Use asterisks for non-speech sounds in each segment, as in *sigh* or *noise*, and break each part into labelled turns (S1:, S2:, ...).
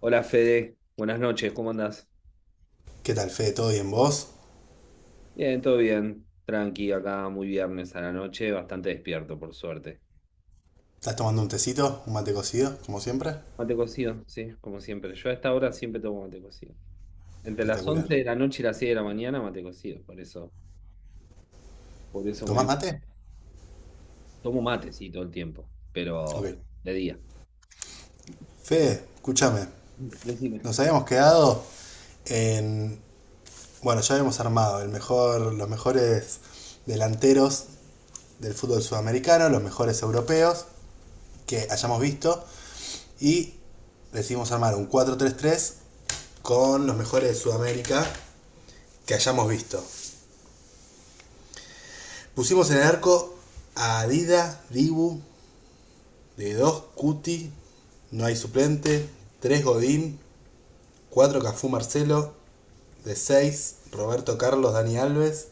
S1: Hola Fede, buenas noches, ¿cómo andás?
S2: ¿Qué tal, Fede? ¿Todo bien vos?
S1: Bien, todo bien, tranqui, acá muy viernes a la noche, bastante despierto por suerte.
S2: ¿Estás tomando un tecito? ¿Un mate cocido? Como siempre.
S1: Mate cocido, sí, como siempre. Yo a esta hora siempre tomo mate cocido. Entre las
S2: Espectacular.
S1: 11 de la noche y las 6 de la mañana mate cocido, por eso
S2: ¿Tomás
S1: me
S2: mate?
S1: tomo mate, sí, todo el tiempo,
S2: Ok.
S1: pero de día.
S2: Fede,
S1: *laughs*
S2: escúchame.
S1: Decime.
S2: Nos habíamos quedado en. Bueno, ya habíamos armado el mejor, los mejores delanteros del fútbol sudamericano, los mejores europeos que hayamos visto. Y decidimos armar un 4-3-3 con los mejores de Sudamérica que hayamos visto. Pusimos en el arco a Adida, Dibu, de 2 Cuti, no hay suplente. Tres Godín, 4 Cafú Marcelo. De 6 Roberto Carlos Dani Alves.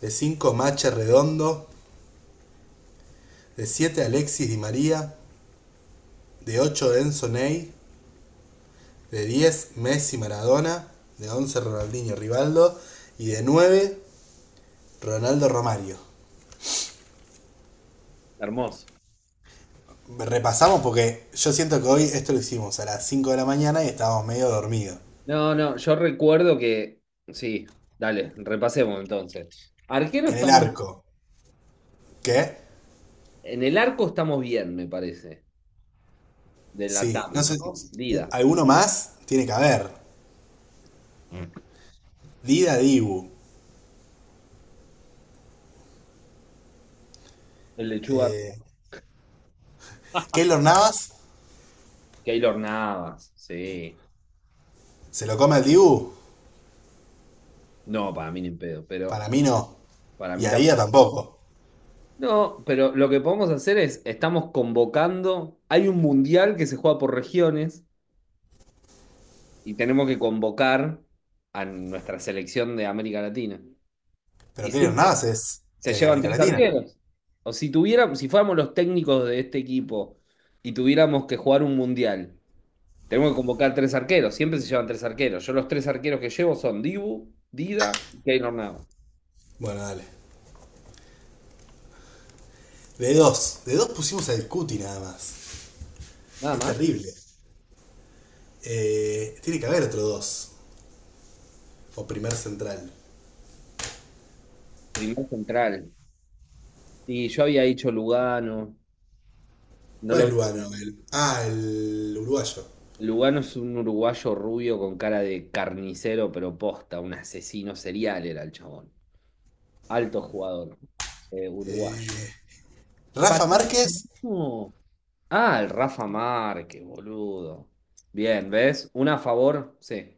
S2: De 5 Mache Redondo. De 7 Alexis Di María. De 8 Enzo Ney. De 10 Messi Maradona. De 11 Ronaldinho Rivaldo. Y de 9 Ronaldo Romario.
S1: Hermoso.
S2: Repasamos porque yo siento que hoy esto lo hicimos a las 5 de la mañana y estábamos medio dormidos.
S1: No, no, yo recuerdo que, sí, dale, repasemos entonces. Arquero
S2: En el
S1: estamos,
S2: arco. ¿Qué?
S1: en el arco estamos bien, me parece. De la
S2: Sí,
S1: TAM,
S2: no
S1: ¿no?
S2: sé, si- si, u-
S1: Dida.
S2: alguno más tiene que haber. Dida Dibu.
S1: El lechuga
S2: Eh, Keylor Navas
S1: Keylor Navas, sí.
S2: se lo come al Dibu.
S1: No, para mí ni en pedo, pero
S2: Para mí no.
S1: para
S2: Y
S1: mí
S2: a Dida
S1: tampoco.
S2: tampoco.
S1: No, pero lo que podemos hacer es, estamos convocando, hay un mundial que se juega por regiones y tenemos que convocar a nuestra selección de América Latina.
S2: Pero
S1: Y
S2: Keylor
S1: siempre
S2: Navas
S1: se
S2: es de
S1: llevan
S2: América
S1: tres
S2: Latina.
S1: arqueros. O si tuviéramos, si fuéramos los técnicos de este equipo y tuviéramos que jugar un mundial. Tenemos que convocar tres arqueros. Siempre se llevan tres arqueros. Yo los tres arqueros que llevo son Dibu, Dida y Keylor Navas.
S2: Bueno, dale. De dos. De dos pusimos al Cuti nada más.
S1: Nada
S2: Es
S1: más.
S2: terrible. Tiene que haber otro dos. O primer central.
S1: Primer central. Y yo había dicho Lugano. No
S2: ¿Cuál
S1: lo
S2: es
S1: vi.
S2: Lugano? Ah, el uruguayo.
S1: Lugano es un uruguayo rubio con cara de carnicero, pero posta. Un asesino serial era el chabón. Alto jugador. Uruguayo. Pará,
S2: Rafa Márquez.
S1: no. Ah, el Rafa Márquez, boludo. Bien, ¿ves? Una a favor, sí.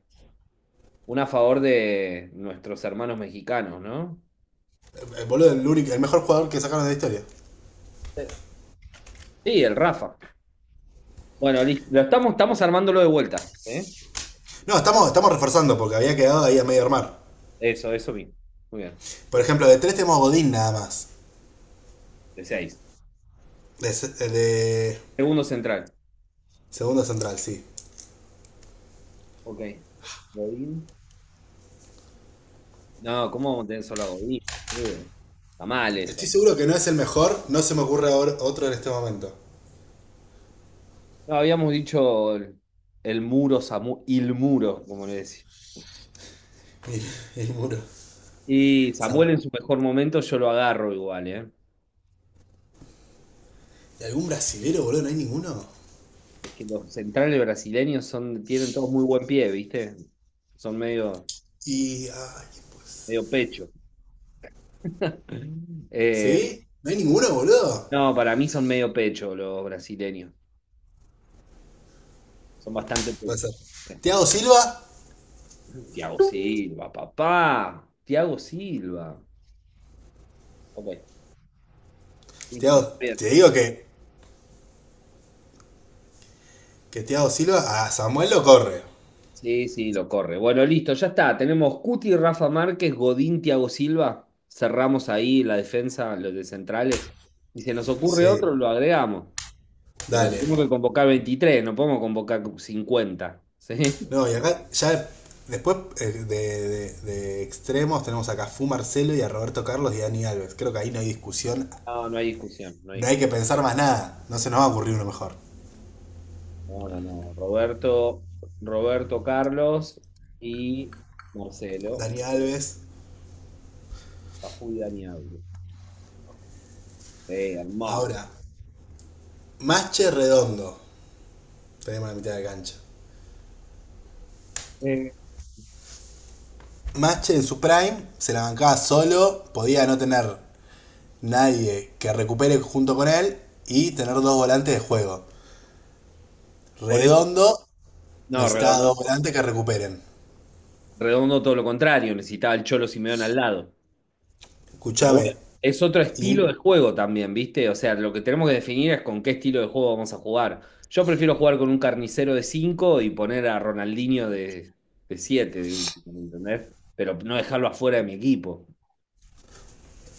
S1: Una a favor de nuestros hermanos mexicanos, ¿no?
S2: Boludo, el el mejor jugador que sacaron de la historia.
S1: Sí. Sí, el Rafa. Bueno, lo estamos armándolo de vuelta, ¿eh?
S2: No, estamos, estamos reforzando porque había quedado ahí a medio armar.
S1: Eso bien. Muy bien.
S2: Por ejemplo, de tres tenemos Godín nada más.
S1: De seis.
S2: De, de
S1: Segundo central.
S2: segundo central, sí.
S1: Ok. Godín. No, ¿cómo vamos a tener solo a Godín? Uh, Está mal
S2: Estoy
S1: eso.
S2: seguro que no es el mejor, no se me ocurre ahora otro en este momento. *laughs*
S1: No, habíamos dicho el muro, Samu, il muro, como le decía.
S2: Y el muro.
S1: Y Samuel en
S2: Sa-
S1: su mejor momento yo lo agarro igual, ¿eh?
S2: ¿Y algún brasilero, boludo? ¿No hay ninguno?
S1: Es que los centrales brasileños son, tienen todos muy buen pie, ¿viste? Son medio,
S2: Y. Ay, pues.
S1: medio pecho. *laughs* Eh,
S2: ¿Sí? ¿No hay ninguno, boludo?
S1: No, para mí son medio pecho los brasileños. Son bastante
S2: Puede
S1: pecho.
S2: ser. ¿Tiago Silva?
S1: Sí. Thiago Silva, papá. Thiago Silva. Ok, listo.
S2: Te
S1: Bien.
S2: digo que Thiago Silva a Samuel lo corre.
S1: Sí, sí, lo corre. Bueno, listo, ya está. Tenemos Cuti, Rafa Márquez, Godín, Thiago Silva. Cerramos ahí la defensa, los de centrales. Y si nos ocurre
S2: Sí,
S1: otro, lo agregamos. Pero
S2: dale.
S1: tenemos que convocar 23. No podemos convocar 50, ¿sí?
S2: No, y acá ya después de extremos tenemos acá a Fu Marcelo y a Roberto Carlos y a Dani Alves. Creo que ahí no hay discusión.
S1: No, no hay discusión, no hay
S2: No hay
S1: discusión.
S2: que pensar más nada. No se nos va a ocurrir uno mejor.
S1: No, no, no. Roberto Carlos y Marcelo,
S2: Dani Alves.
S1: Cajú y Dani Alves. Hermoso.
S2: Ahora, Mache Redondo. Tenemos la mitad de cancha.
S1: Eh,
S2: Mache en su prime se la bancaba solo. Podía no tener nadie que recupere junto con él y tener dos volantes de juego.
S1: Por eso,
S2: Redondo
S1: no,
S2: necesitaba
S1: redondo.
S2: dos volantes que recuperen.
S1: Redondo todo lo contrario, necesitaba el Cholo Simeone al lado. Pero
S2: Escúchame.
S1: bueno, es otro
S2: Y
S1: estilo de juego también, ¿viste? O sea, lo que tenemos que definir es con qué estilo de juego vamos a jugar. Yo prefiero jugar con un carnicero de 5 y poner a Ronaldinho de 7, 7 de último, ¿me entendés? Pero no dejarlo afuera de mi equipo.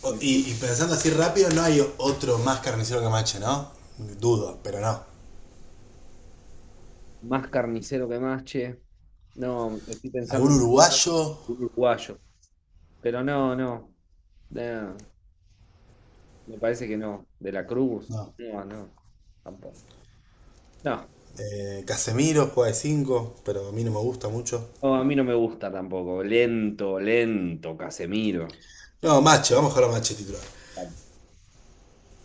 S1: En fin.
S2: y pensando así rápido, no hay otro más carnicero que Mache, ¿no? Dudo, pero no.
S1: Más carnicero que más, che. No, estoy pensando
S2: ¿Algún
S1: en
S2: uruguayo?
S1: un uruguayo. Pero no, no. No, me parece que no. De la Cruz.
S2: No.
S1: No, no. Tampoco. No,
S2: Casemiro juega de 5 pero a mí no me gusta mucho.
S1: no, a mí no me gusta tampoco. Lento, lento, Casemiro.
S2: No, Mache, vamos a jugar a Mache titular.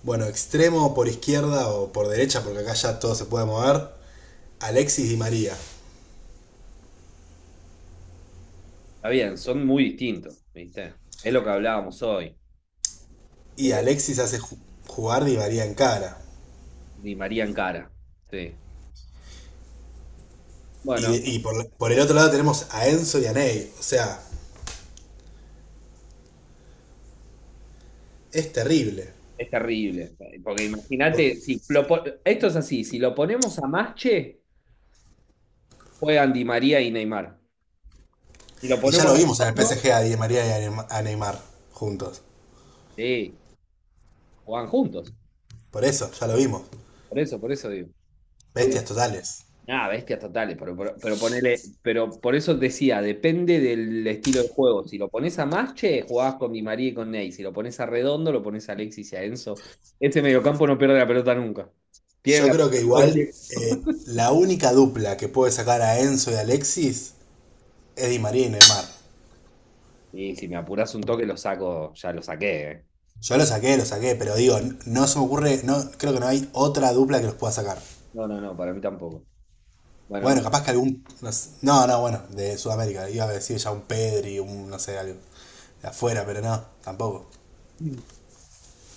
S2: Bueno, extremo por izquierda o por derecha, porque acá ya todo se puede mover. Alexis y María.
S1: Está bien, son muy distintos, ¿viste? Es lo que hablábamos hoy.
S2: Y
S1: Eh,
S2: Alexis hace jugar Di María en cara.
S1: Di María en cara. Sí. Bueno,
S2: Y por el otro lado tenemos a Enzo y a Ney. O sea, es terrible.
S1: es terrible. Porque
S2: Por-
S1: imagínate, si lo po- esto es así, si lo ponemos a Masche, juegan Di María y Neymar. Si lo
S2: Y ya
S1: ponemos
S2: lo
S1: a
S2: vimos en el
S1: Redondo,
S2: PSG a Di María y a Neymar juntos.
S1: sí, juegan juntos.
S2: Por eso, ya lo vimos.
S1: Por eso digo. Eh,
S2: Bestias totales.
S1: Nada, bestias totales, pero ponele, pero por eso decía, depende del estilo de juego. Si lo pones a Masche, jugás con Di María y con Ney. Si lo pones a Redondo, lo pones a Alexis y a Enzo. Ese mediocampo no pierde la pelota nunca. Tienen
S2: Yo
S1: la
S2: creo que
S1: pelota todo el
S2: igual
S1: tiempo.
S2: la única dupla que puede sacar a Enzo y a Alexis es Di María y Neymar.
S1: Y si me apurás un toque, lo saco, ya lo saqué.
S2: Yo lo saqué, pero digo, no se me ocurre, no, creo que no hay otra dupla que los pueda sacar.
S1: No, no, no, para mí tampoco. Bueno, hermano.
S2: Bueno, capaz que algún. No, no, no, bueno, de Sudamérica. Iba a decir ya un Pedri, un no sé, algo de afuera, pero no, tampoco.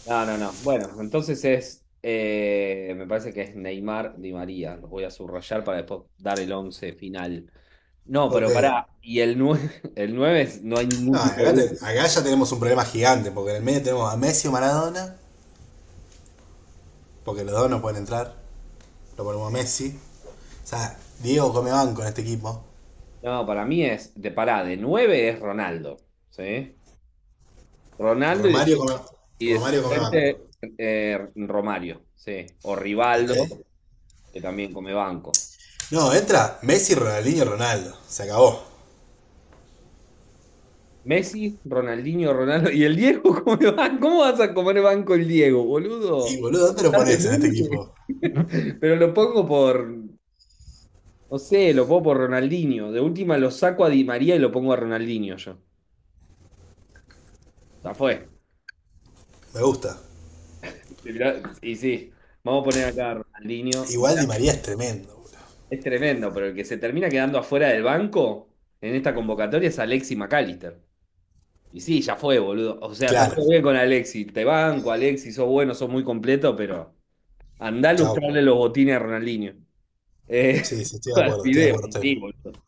S1: No, no, no. Bueno, entonces me parece que es Neymar Di María. Los voy a subrayar para después dar el once final. No,
S2: Ok,
S1: pero pará, y el 9, *laughs* no hay
S2: no,
S1: ningún tipo de
S2: acá,
S1: duda.
S2: acá ya tenemos un problema gigante, porque en el medio tenemos a Messi o Maradona, porque los dos no pueden entrar. Lo ponemos a Messi. O sea, Diego come banco en este equipo.
S1: No, para mí es, de pará, de 9 es Ronaldo, ¿sí? Ronaldo y,
S2: Romario come,
S1: y de
S2: Romario come banco.
S1: suplente Romario, ¿sí? O
S2: Ok.
S1: Rivaldo, que también come banco.
S2: No, entra Messi, Ronaldinho, Ronaldo. Se acabó.
S1: Messi, Ronaldinho, Ronaldo. ¿Y el Diego? *laughs* ¿Cómo le van? ¿Cómo vas a comer banco el Diego,
S2: Y
S1: boludo?
S2: boludo, ¿dónde lo
S1: Estás
S2: pones en este
S1: demente.
S2: equipo?
S1: *laughs* Pero no sé, lo pongo por Ronaldinho. De última lo saco a Di María y lo pongo a Ronaldinho yo. Ya fue.
S2: Me gusta.
S1: Y mirá, y sí, vamos a poner acá a Ronaldinho.
S2: Igual
S1: Mirá,
S2: Di María es tremendo, boludo.
S1: es tremendo, pero el que se termina quedando afuera del banco en esta convocatoria es Alexis McAllister. Y sí, ya fue, boludo. O sea, está
S2: Claro.
S1: todo bien con Alexis. Te banco, Alexis, sos bueno, sos muy completo, pero andá a
S2: Chau.
S1: lustrarle los botines a Ronaldinho. Eh,
S2: Sí, sí, estoy
S1: *laughs*
S2: de
S1: al
S2: acuerdo, estoy de
S1: video,
S2: acuerdo,
S1: y
S2: estoy,
S1: sí, boludo.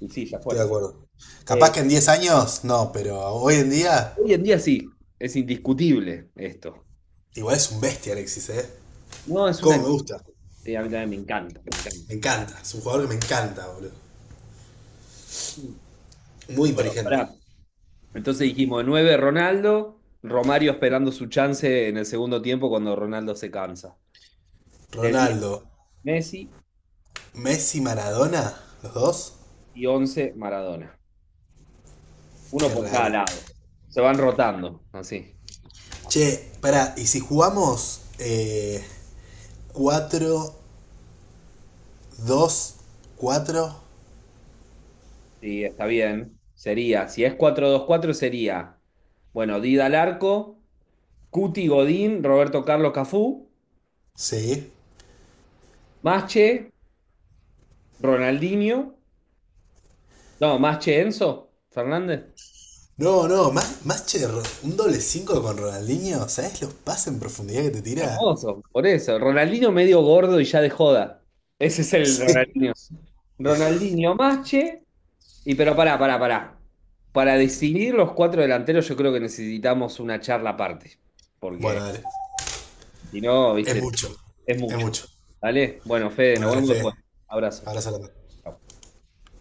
S1: Y sí, ya
S2: estoy
S1: fue.
S2: de acuerdo. Capaz
S1: Eh,
S2: que en 10 años, no, pero hoy en día,
S1: Hoy en día sí, es indiscutible esto.
S2: igual es un bestia Alexis, ¿eh?
S1: No, es una.
S2: Cómo me gusta.
S1: A mí también me encanta, me encanta.
S2: Me encanta. Es un jugador que me encanta, boludo.
S1: Bueno,
S2: Muy inteligente.
S1: pará. Entonces dijimos, 9 Ronaldo, Romario esperando su chance en el segundo tiempo cuando Ronaldo se cansa. De 10
S2: Ronaldo,
S1: Messi
S2: Messi, Maradona, los dos.
S1: y 11 Maradona. Uno
S2: Qué
S1: por cada
S2: raro.
S1: lado. Se van rotando, así.
S2: Che, pará, ¿y si jugamos 4, 2, 4?
S1: Sí, está bien. Sería, si es 4-2-4 sería, bueno, Dida al arco, Cuti Godín, Roberto Carlos Cafú,
S2: Sí.
S1: Masche, Ronaldinho, no, Masche, Enzo Fernández.
S2: No, no, más che, un doble 5 con Ronaldinho. ¿Sabes los pases en profundidad que te tira? *laughs*
S1: Hermoso, por eso. Ronaldinho medio gordo y ya de joda. Ese es el
S2: Sí.
S1: Ronaldinho. Ronaldinho, Masche y pero pará, pará, pará. Para decidir los cuatro delanteros yo creo que necesitamos una charla aparte,
S2: Bueno,
S1: porque
S2: dale.
S1: si no,
S2: Es
S1: viste,
S2: mucho.
S1: es
S2: Es
S1: mucho.
S2: mucho.
S1: Dale. Bueno, Fede,
S2: Bueno,
S1: nos
S2: dale,
S1: vemos
S2: Fede.
S1: después. Abrazo.
S2: Abrazo grande.
S1: Chau.